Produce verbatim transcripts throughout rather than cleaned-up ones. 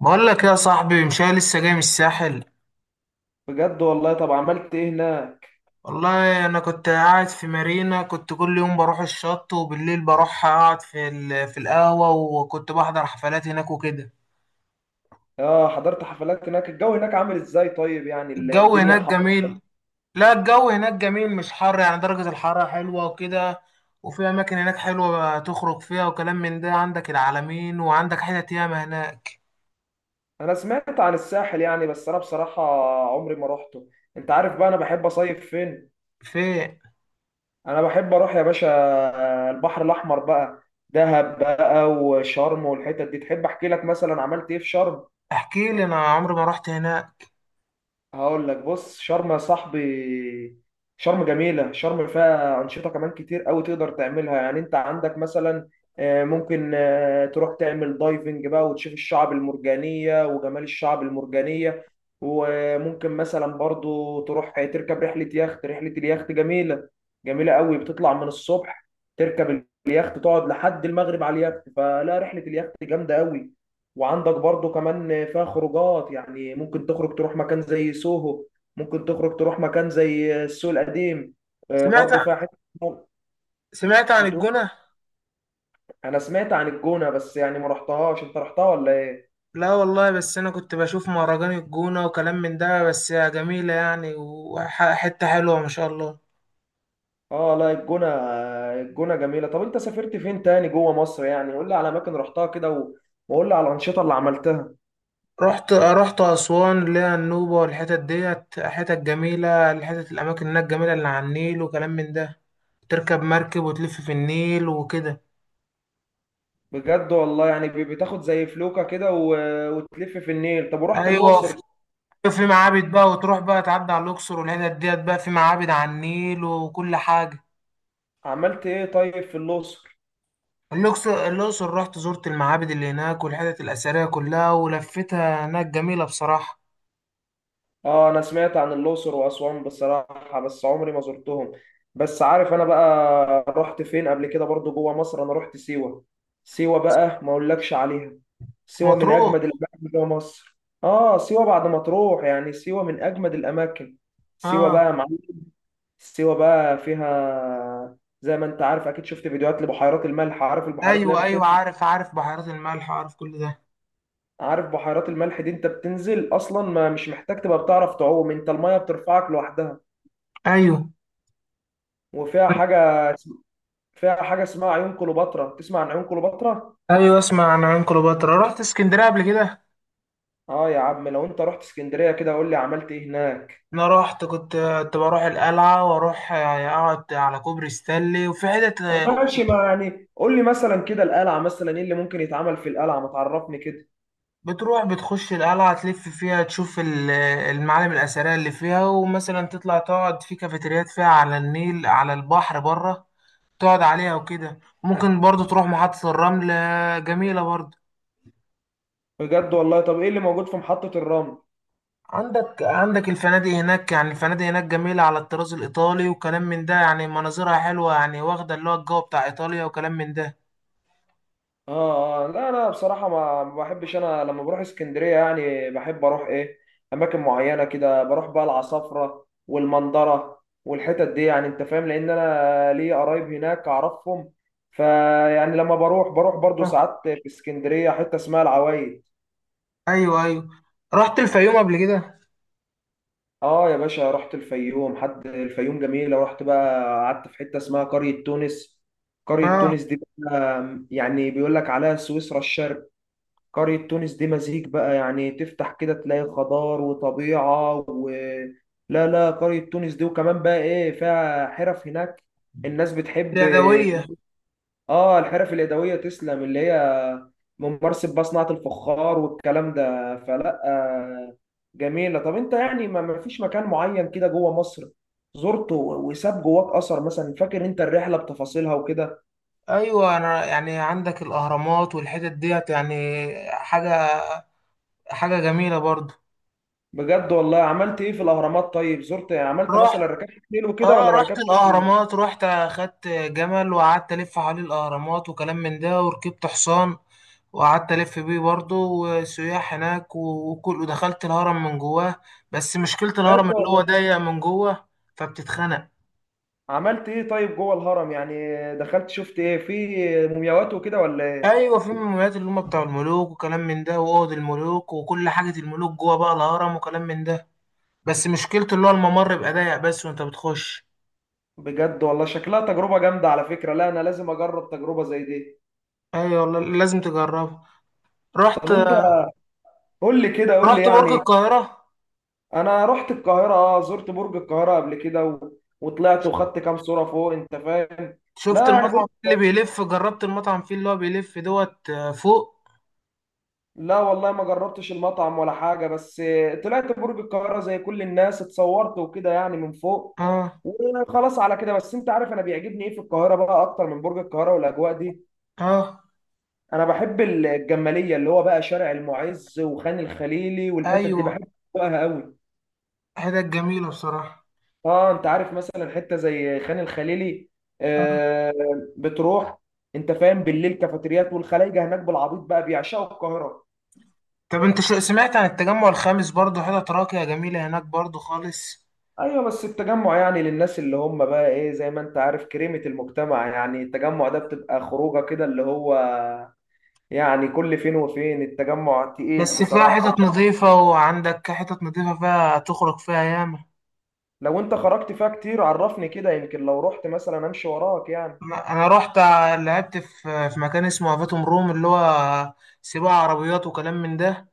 بقول لك يا صاحبي، مش أنا لسه جاي من الساحل. بجد والله. طب عملت ايه هناك؟ والله انا كنت قاعد في مارينا، كنت كل يوم بروح الشط وبالليل بروح اقعد في ال- في القهوة، وكنت بحضر حفلات هناك وكده. اه حضرت حفلات هناك. الجو هناك عامل ازاي طيب؟ يعني ال- الجو الدنيا هناك حر؟ جميل. لا، الجو هناك جميل، مش حر، يعني درجة الحرارة حلوة وكده. وفي اماكن هناك حلوة تخرج فيها وكلام من ده، عندك العلمين وعندك حتت ياما هناك. انا سمعت عن الساحل يعني، بس انا بصراحة عمري ما روحته. انت عارف بقى انا بحب اصيف فين؟ فين؟ انا بحب اروح يا باشا البحر الاحمر بقى، دهب بقى وشرم والحتت دي. تحب احكي لك مثلا عملت ايه في شرم؟ احكي لي، انا عمري ما رحت هناك. هقول لك. بص شرم يا صاحبي، شرم جميلة. شرم فيها أنشطة كمان كتير قوي تقدر تعملها. يعني أنت عندك مثلا، آه، ممكن آه، تروح تعمل دايفنج بقى وتشوف الشعب المرجانية وجمال الشعب المرجانية. وممكن مثلا برضو تروح تركب رحلة يخت. رحلة اليخت جميلة، جميلة قوي. بتطلع من الصبح، تركب اليخت، تقعد لحد المغرب على اليخت. فلا، رحلة اليخت جامدة قوي. وعندك برضو كمان فيها خروجات. يعني ممكن تخرج تروح مكان زي سوهو، ممكن تخرج تروح مكان زي السوق القديم. آه، سمعت برضو فيها حته. سمعت عن بتقول؟ الجونة. انا سمعت عن الجونه، بس يعني ما رحتهاش. انت رحتها ولا ايه؟ لا والله، بس انا كنت بشوف مهرجان الجونة وكلام من ده، بس جميلة يعني، وحتة حلوة ما شاء الله. اه لا، الجونه الجونه جميله. طب انت سافرت فين تاني جوه مصر؟ يعني قول لي على اماكن رحتها كده و... وقول لي على الانشطه اللي عملتها. رحت رحت اسوان، اللي هي النوبة، والحتت ديت حتت جميلة، الحتت الاماكن هناك جميلة، اللي على النيل وكلام من ده. تركب مركب وتلف في النيل وكده. بجد والله. يعني ب- بتاخد زي فلوكه كده و... وتلف في النيل. طب ورحت ايوه، الاقصر؟ في في معابد بقى، وتروح بقى تعدي على الاقصر، والحتت ديت بقى في معابد على النيل وكل حاجة. عملت ايه طيب في الاقصر؟ الأقصر الأقصر، رحت زرت المعابد اللي هناك والحتت الأثرية كلها، ولفتها هناك جميلة بصراحة. اه انا سمعت عن الاقصر واسوان بصراحه، بس عمري ما زرتهم. بس عارف انا بقى رحت فين قبل كده برضو جوه مصر؟ انا رحت سيوه. سيوه بقى ما اقولكش عليها. سيوه من مطروح. اجمد الاماكن جوه مصر. اه سيوه، بعد ما تروح يعني سيوه من اجمد الاماكن. سيوه اه. بقى يا معلم. سيوه بقى فيها زي ما انت عارف اكيد، شفت فيديوهات لبحيرات الملح. عارف البحيرات اللي هي ايوه، ايوه، بتنزل؟ عارف، عارف بحيرات الملح، عارف كل ده. عارف بحيرات الملح دي انت بتنزل اصلا، ما مش محتاج تبقى بتعرف تعوم، انت الميه بترفعك لوحدها. ايوه، وفيها حاجة، فيها حاجة اسمها عيون كليوباترا. تسمع عن عيون كليوباترا؟ ايوه، اسمع عن عين كليوباترا، رحت اسكندريه قبل كده. اه يا عم، لو انت رحت اسكندرية كده، قول لي عملت ايه هناك. انا رحت، كنت كنت بروح القلعه، واروح آه، اقعد على كوبري ستانلي، وفي حتت. طب آه، ماشي، ما يعني قول لي مثلا كده القلعة مثلا، ايه اللي ممكن يتعمل في القلعة؟ ما تعرفني كده. بتروح بتخش القلعه، تلف فيها، تشوف ال- المعالم الاثريه اللي فيها، ومثلا تطلع تقعد في كافيتريات فيها على النيل، على البحر بره، تقعد عليها وكده. ممكن برضو تروح محطه الرمل، آه، جميله برضو. بجد والله. طب ايه اللي موجود في محطة الرمل؟ عندك عندك الفنادق هناك، يعني الفنادق هناك جميلة على الطراز الإيطالي وكلام من ده، يعني مناظرها حلوة، يعني واخدة اللي هو الجو بتاع إيطاليا وكلام من ده. اه، آه، لا انا بصراحه ما ما بحبش. انا لما بروح اسكندريه يعني بحب اروح ايه، اماكن معينه كده. بروح بقى العصافره والمنظره والحتت دي يعني، انت فاهم، لان انا لي قرايب هناك اعرفهم. فيعني لما بروح، بروح برضو ساعات في اسكندريه حته اسمها العوايد. أيوه، أيوه. رحت الفيوم قبل كده. اه يا باشا، رحت الفيوم. حد الفيوم جميله. ورحت بقى قعدت في حته اسمها قريه تونس. قريه اه. تونس دي بقى يعني بيقول لك عليها سويسرا الشرق. قرية تونس دي مزيج بقى، يعني تفتح كده تلاقي خضار وطبيعة و... لا لا، قرية تونس دي وكمان بقى ايه، فيها حرف هناك الناس بتحب. اليدوية. اه الحرف اليدوية، تسلم. اللي هي ممارسة بقى صناعة الفخار والكلام ده. فلا آه، جميلة. طب انت يعني ما ما فيش مكان معين كده جوه مصر زرته و- وساب جواك اثر مثلا، فاكر انت الرحلة بتفاصيلها وكده؟ أيوه. أنا يعني عندك الأهرامات والحتت ديت، يعني حاجة حاجة جميلة برضه. بجد والله. عملت ايه في الاهرامات طيب؟ زرت، عملت رحت. مثلا، ركبت خيل وكده اه، ولا ما رحت ركبتش خيل؟ الاهرامات، رحت اخدت جمل وقعدت الف حوالين الاهرامات وكلام من ده، وركبت حصان وقعدت الف بيه برضه، وسياح هناك و- وكل، ودخلت الهرم من جواه. بس مشكلة الهرم بجد اللي هو والله. ضيق من جوه، فبتتخنق. عملت ايه طيب جوه الهرم يعني؟ دخلت شفت ايه، في مومياوات وكده ولا ايه؟ ايوه، في المولات اللي هم بتاع الملوك وكلام من ده، واوض الملوك وكل حاجة الملوك جوه بقى الهرم وكلام من ده. بس مشكلته اللي هو الممر بيبقى ضيق، بس وانت بتخش. بجد والله، شكلها تجربة جامدة على فكرة. لا انا لازم اجرب تجربة زي دي. ايوه والله، لازم تجربه. رحت. طب انت، قول لي كده، قول لي رحت برج يعني. القاهرة. انا رحت القاهرة، اه زرت برج القاهرة قبل كده و... وطلعت وخدت كام صورة فوق، انت فاهم. شفت لا يعني المطعم برج، اللي بيلف؟ جربت المطعم فيه، اللي هو بيلف دوت آه، فوق؟ لا والله ما جربتش المطعم ولا حاجة. بس طلعت برج القاهرة زي كل الناس، اتصورت وكده يعني من فوق، اه. وخلاص على كده. بس انت عارف انا بيعجبني ايه في القاهرة بقى اكتر من برج القاهرة والاجواء دي؟ اه. انا بحب الجماليه، اللي هو بقى شارع المعز وخان الخليلي والحتت دي، ايوه. بحب اجواءها قوي. حتت جميلة بصراحة. اه انت عارف مثلا حته زي خان الخليلي، آه. آه، بتروح، انت فاهم، بالليل كافيتريات. والخلايجه هناك بالعبيط بقى بيعشقوا القاهره. طب انت شو سمعت عن التجمع الخامس؟ برضو حتت راقية جميلة هناك برضو خالص. ايوه بس التجمع يعني للناس اللي هم بقى ايه، زي ما انت عارف، كريمه المجتمع. يعني التجمع ده بتبقى خروجه كده اللي هو يعني كل فين وفين. التجمع تقيل بس فيها بصراحه، حتت وكان- نظيفة، وعندك حتت نظيفة فيها تخرج فيها ياما. لو انت خرجت فيها كتير عرفني كده، يمكن لو رحت مثلا امشي وراك يعني. انا أنا رحت ع- لعبت في في مكان اسمه افاتوم روم، اللي هو سباق عربيات وكلام من ده.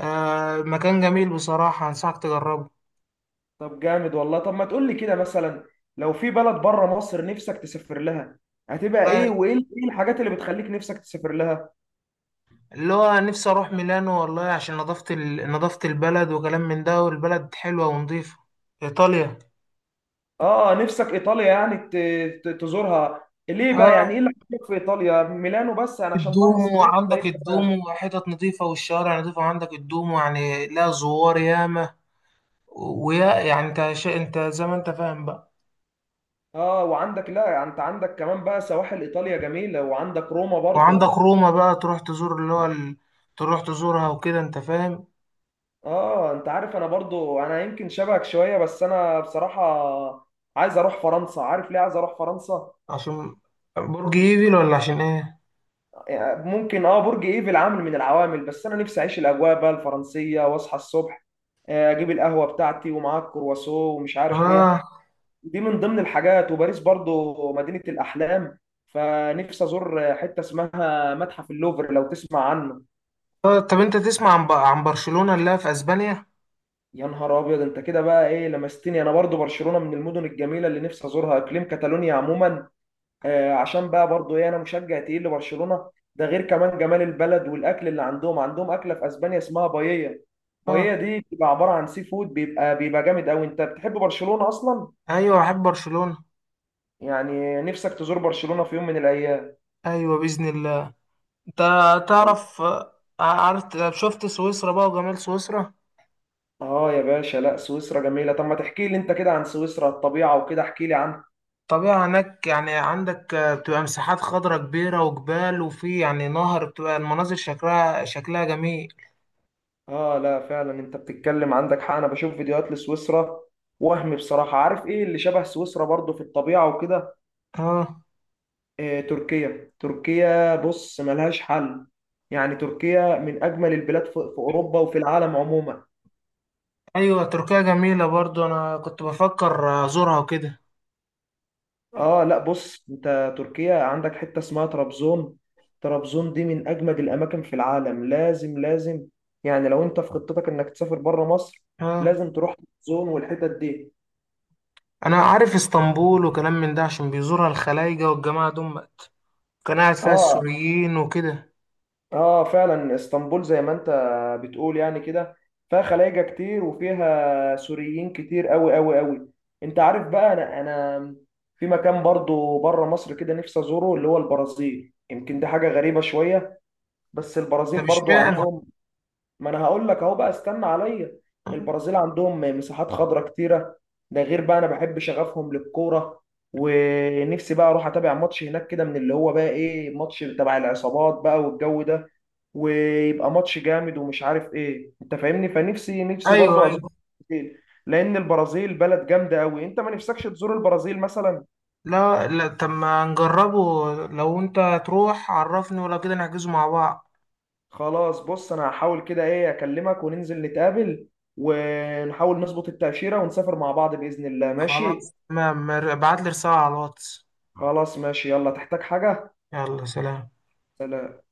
آه مكان جميل بصراحة، انصحك تجربه. طب جامد والله. طب ما تقول لي كده مثلا، لو في بلد بره مصر نفسك تسافر لها، هتبقى آه، ايه؟ وايه ال- ايه الحاجات اللي بتخليك نفسك تسافر لها؟ اللي هو نفسي اروح ميلانو، والله عشان نظافة ال... نظافة البلد وكلام من ده، والبلد حلوة ونظيفة. ايطاليا. اه نفسك ايطاليا؟ يعني ت- ت- تزورها ليه بقى؟ اه، يعني ايه اللي عجبك في ايطاليا ميلانو؟ بس انا عشان فيها الدومو، مصريين ولا وعندك إيه؟ الدومو، وحتت نظيفة، والشوارع نظيفة، وعندك الدومو، يعني لا، زوار ياما. ويا يعني انت شا... انت زي ما انت فاهم بقى. اه وعندك، لا انت عندك كمان بقى سواحل ايطاليا جميله، وعندك روما برضو. وعندك روما بقى، تروح تزور اللي هو ال... تروح تزورها وكده، انت فاهم. اه انت عارف انا برضو، انا يمكن شبهك شويه، بس انا بصراحه عايز اروح فرنسا. عارف ليه عايز اروح فرنسا؟ عشان برج ايفل، ولا عشان ايه؟ ممكن اه برج ايفل عامل من العوامل، بس انا نفسي اعيش الاجواء بقى الفرنسيه، واصحى الصبح آه، اجيب القهوه بتاعتي ومعاها الكرواسون ومش عارف ايه. اه. دي من ضمن الحاجات. وباريس برضو مدينه الاحلام، فنفسي ازور حته اسمها متحف اللوفر لو تسمع عنه. آه، طب انت تسمع عن ب... عن برشلونة، اللي هي في اسبانيا. يا نهار ابيض، انت كده بقى ايه، لمستني. انا برضو برشلونه من المدن الجميله اللي نفسي ازورها، اقليم كاتالونيا عموما. آه، عشان بقى برضو ايه، انا مشجع تقيل لبرشلونه. ده غير كمان جمال البلد والاكل اللي عندهم. عندهم اكله في اسبانيا اسمها باييه. اه. باييه دي بتبقى عباره عن سي فود، بيبقى بيبقى جامد قوي. انت بتحب برشلونه اصلا؟ ايوه، احب برشلونة. يعني نفسك تزور برشلونه في يوم من الايام؟ ايوه، باذن الله. انت تعرف، آه، عارف، شفت سويسرا بقى وجمال سويسرا. اه يا باشا، لا سويسرا جميله. طب ما تحكي لي انت كده عن سويسرا، الطبيعه وكده، احكي لي عنها. طبيعة هناك يعني، عندك آه، بتبقى مساحات خضراء كبيرة وجبال، وفي يعني نهر، بتبقى المناظر شكلها شكلها جميل. اه لا فعلا انت بتتكلم، عندك حق. انا بشوف فيديوهات لسويسرا وهم بصراحه. عارف ايه اللي شبه سويسرا برضو في الطبيعه وكده؟ اه. آه، تركيا. تركيا بص ملهاش حل. يعني تركيا من اجمل البلاد في في اوروبا وفي العالم عموما. ايوه، تركيا جميلة برضو، انا كنت بفكر ازورها وكده. اه لا بص، انت تركيا عندك حته اسمها طرابزون. طرابزون دي من اجمد الاماكن في العالم. لازم لازم، يعني لو انت في خطتك انك تسافر بره مصر، اه، لازم تروح طرابزون والحتت دي. انا عارف اسطنبول وكلام من ده عشان بيزورها الخلايجة والجماعة دول، كان قاعد فيها اه. السوريين وكده. اه فعلا اسطنبول زي ما انت بتقول يعني كده، فيها خلايجة كتير وفيها سوريين كتير قوي قوي قوي. انت عارف بقى انا، انا في مكان برضو بره مصر كده نفسي ازوره، اللي هو البرازيل. يمكن دي حاجة غريبة شوية، بس طب البرازيل برضو اشمعنى؟ عندهم، ما انا هقول لك اهو بقى استنى عليا. البرازيل عندهم مساحات خضراء كتيره. ده غير بقى انا بحب شغفهم للكوره. ونفسي بقى اروح اتابع ماتش هناك كده، من اللي هو بقى ايه، ماتش تبع العصابات بقى والجو ده، ويبقى ماتش جامد ومش عارف ايه، انت فاهمني. فنفسي، نفسي ايوه، برضو ايوه. ازور البرازيل، لان البرازيل بلد جامده قوي. انت ما نفسكش تزور البرازيل مثلا؟ لا، لا، طب ما نجربه، لو انت تروح عرفني، ولو كده نحجزه مع بعض. خلاص بص، انا هحاول كده ايه، اكلمك وننزل نتقابل، ونحاول نظبط التأشيرة ونسافر مع بعض بإذن الله، خلاص ماشي. تمام، ابعت لي رسالة على الواتس. خلاص ماشي، يلا. تحتاج حاجة؟ يلا، سلام. سلام.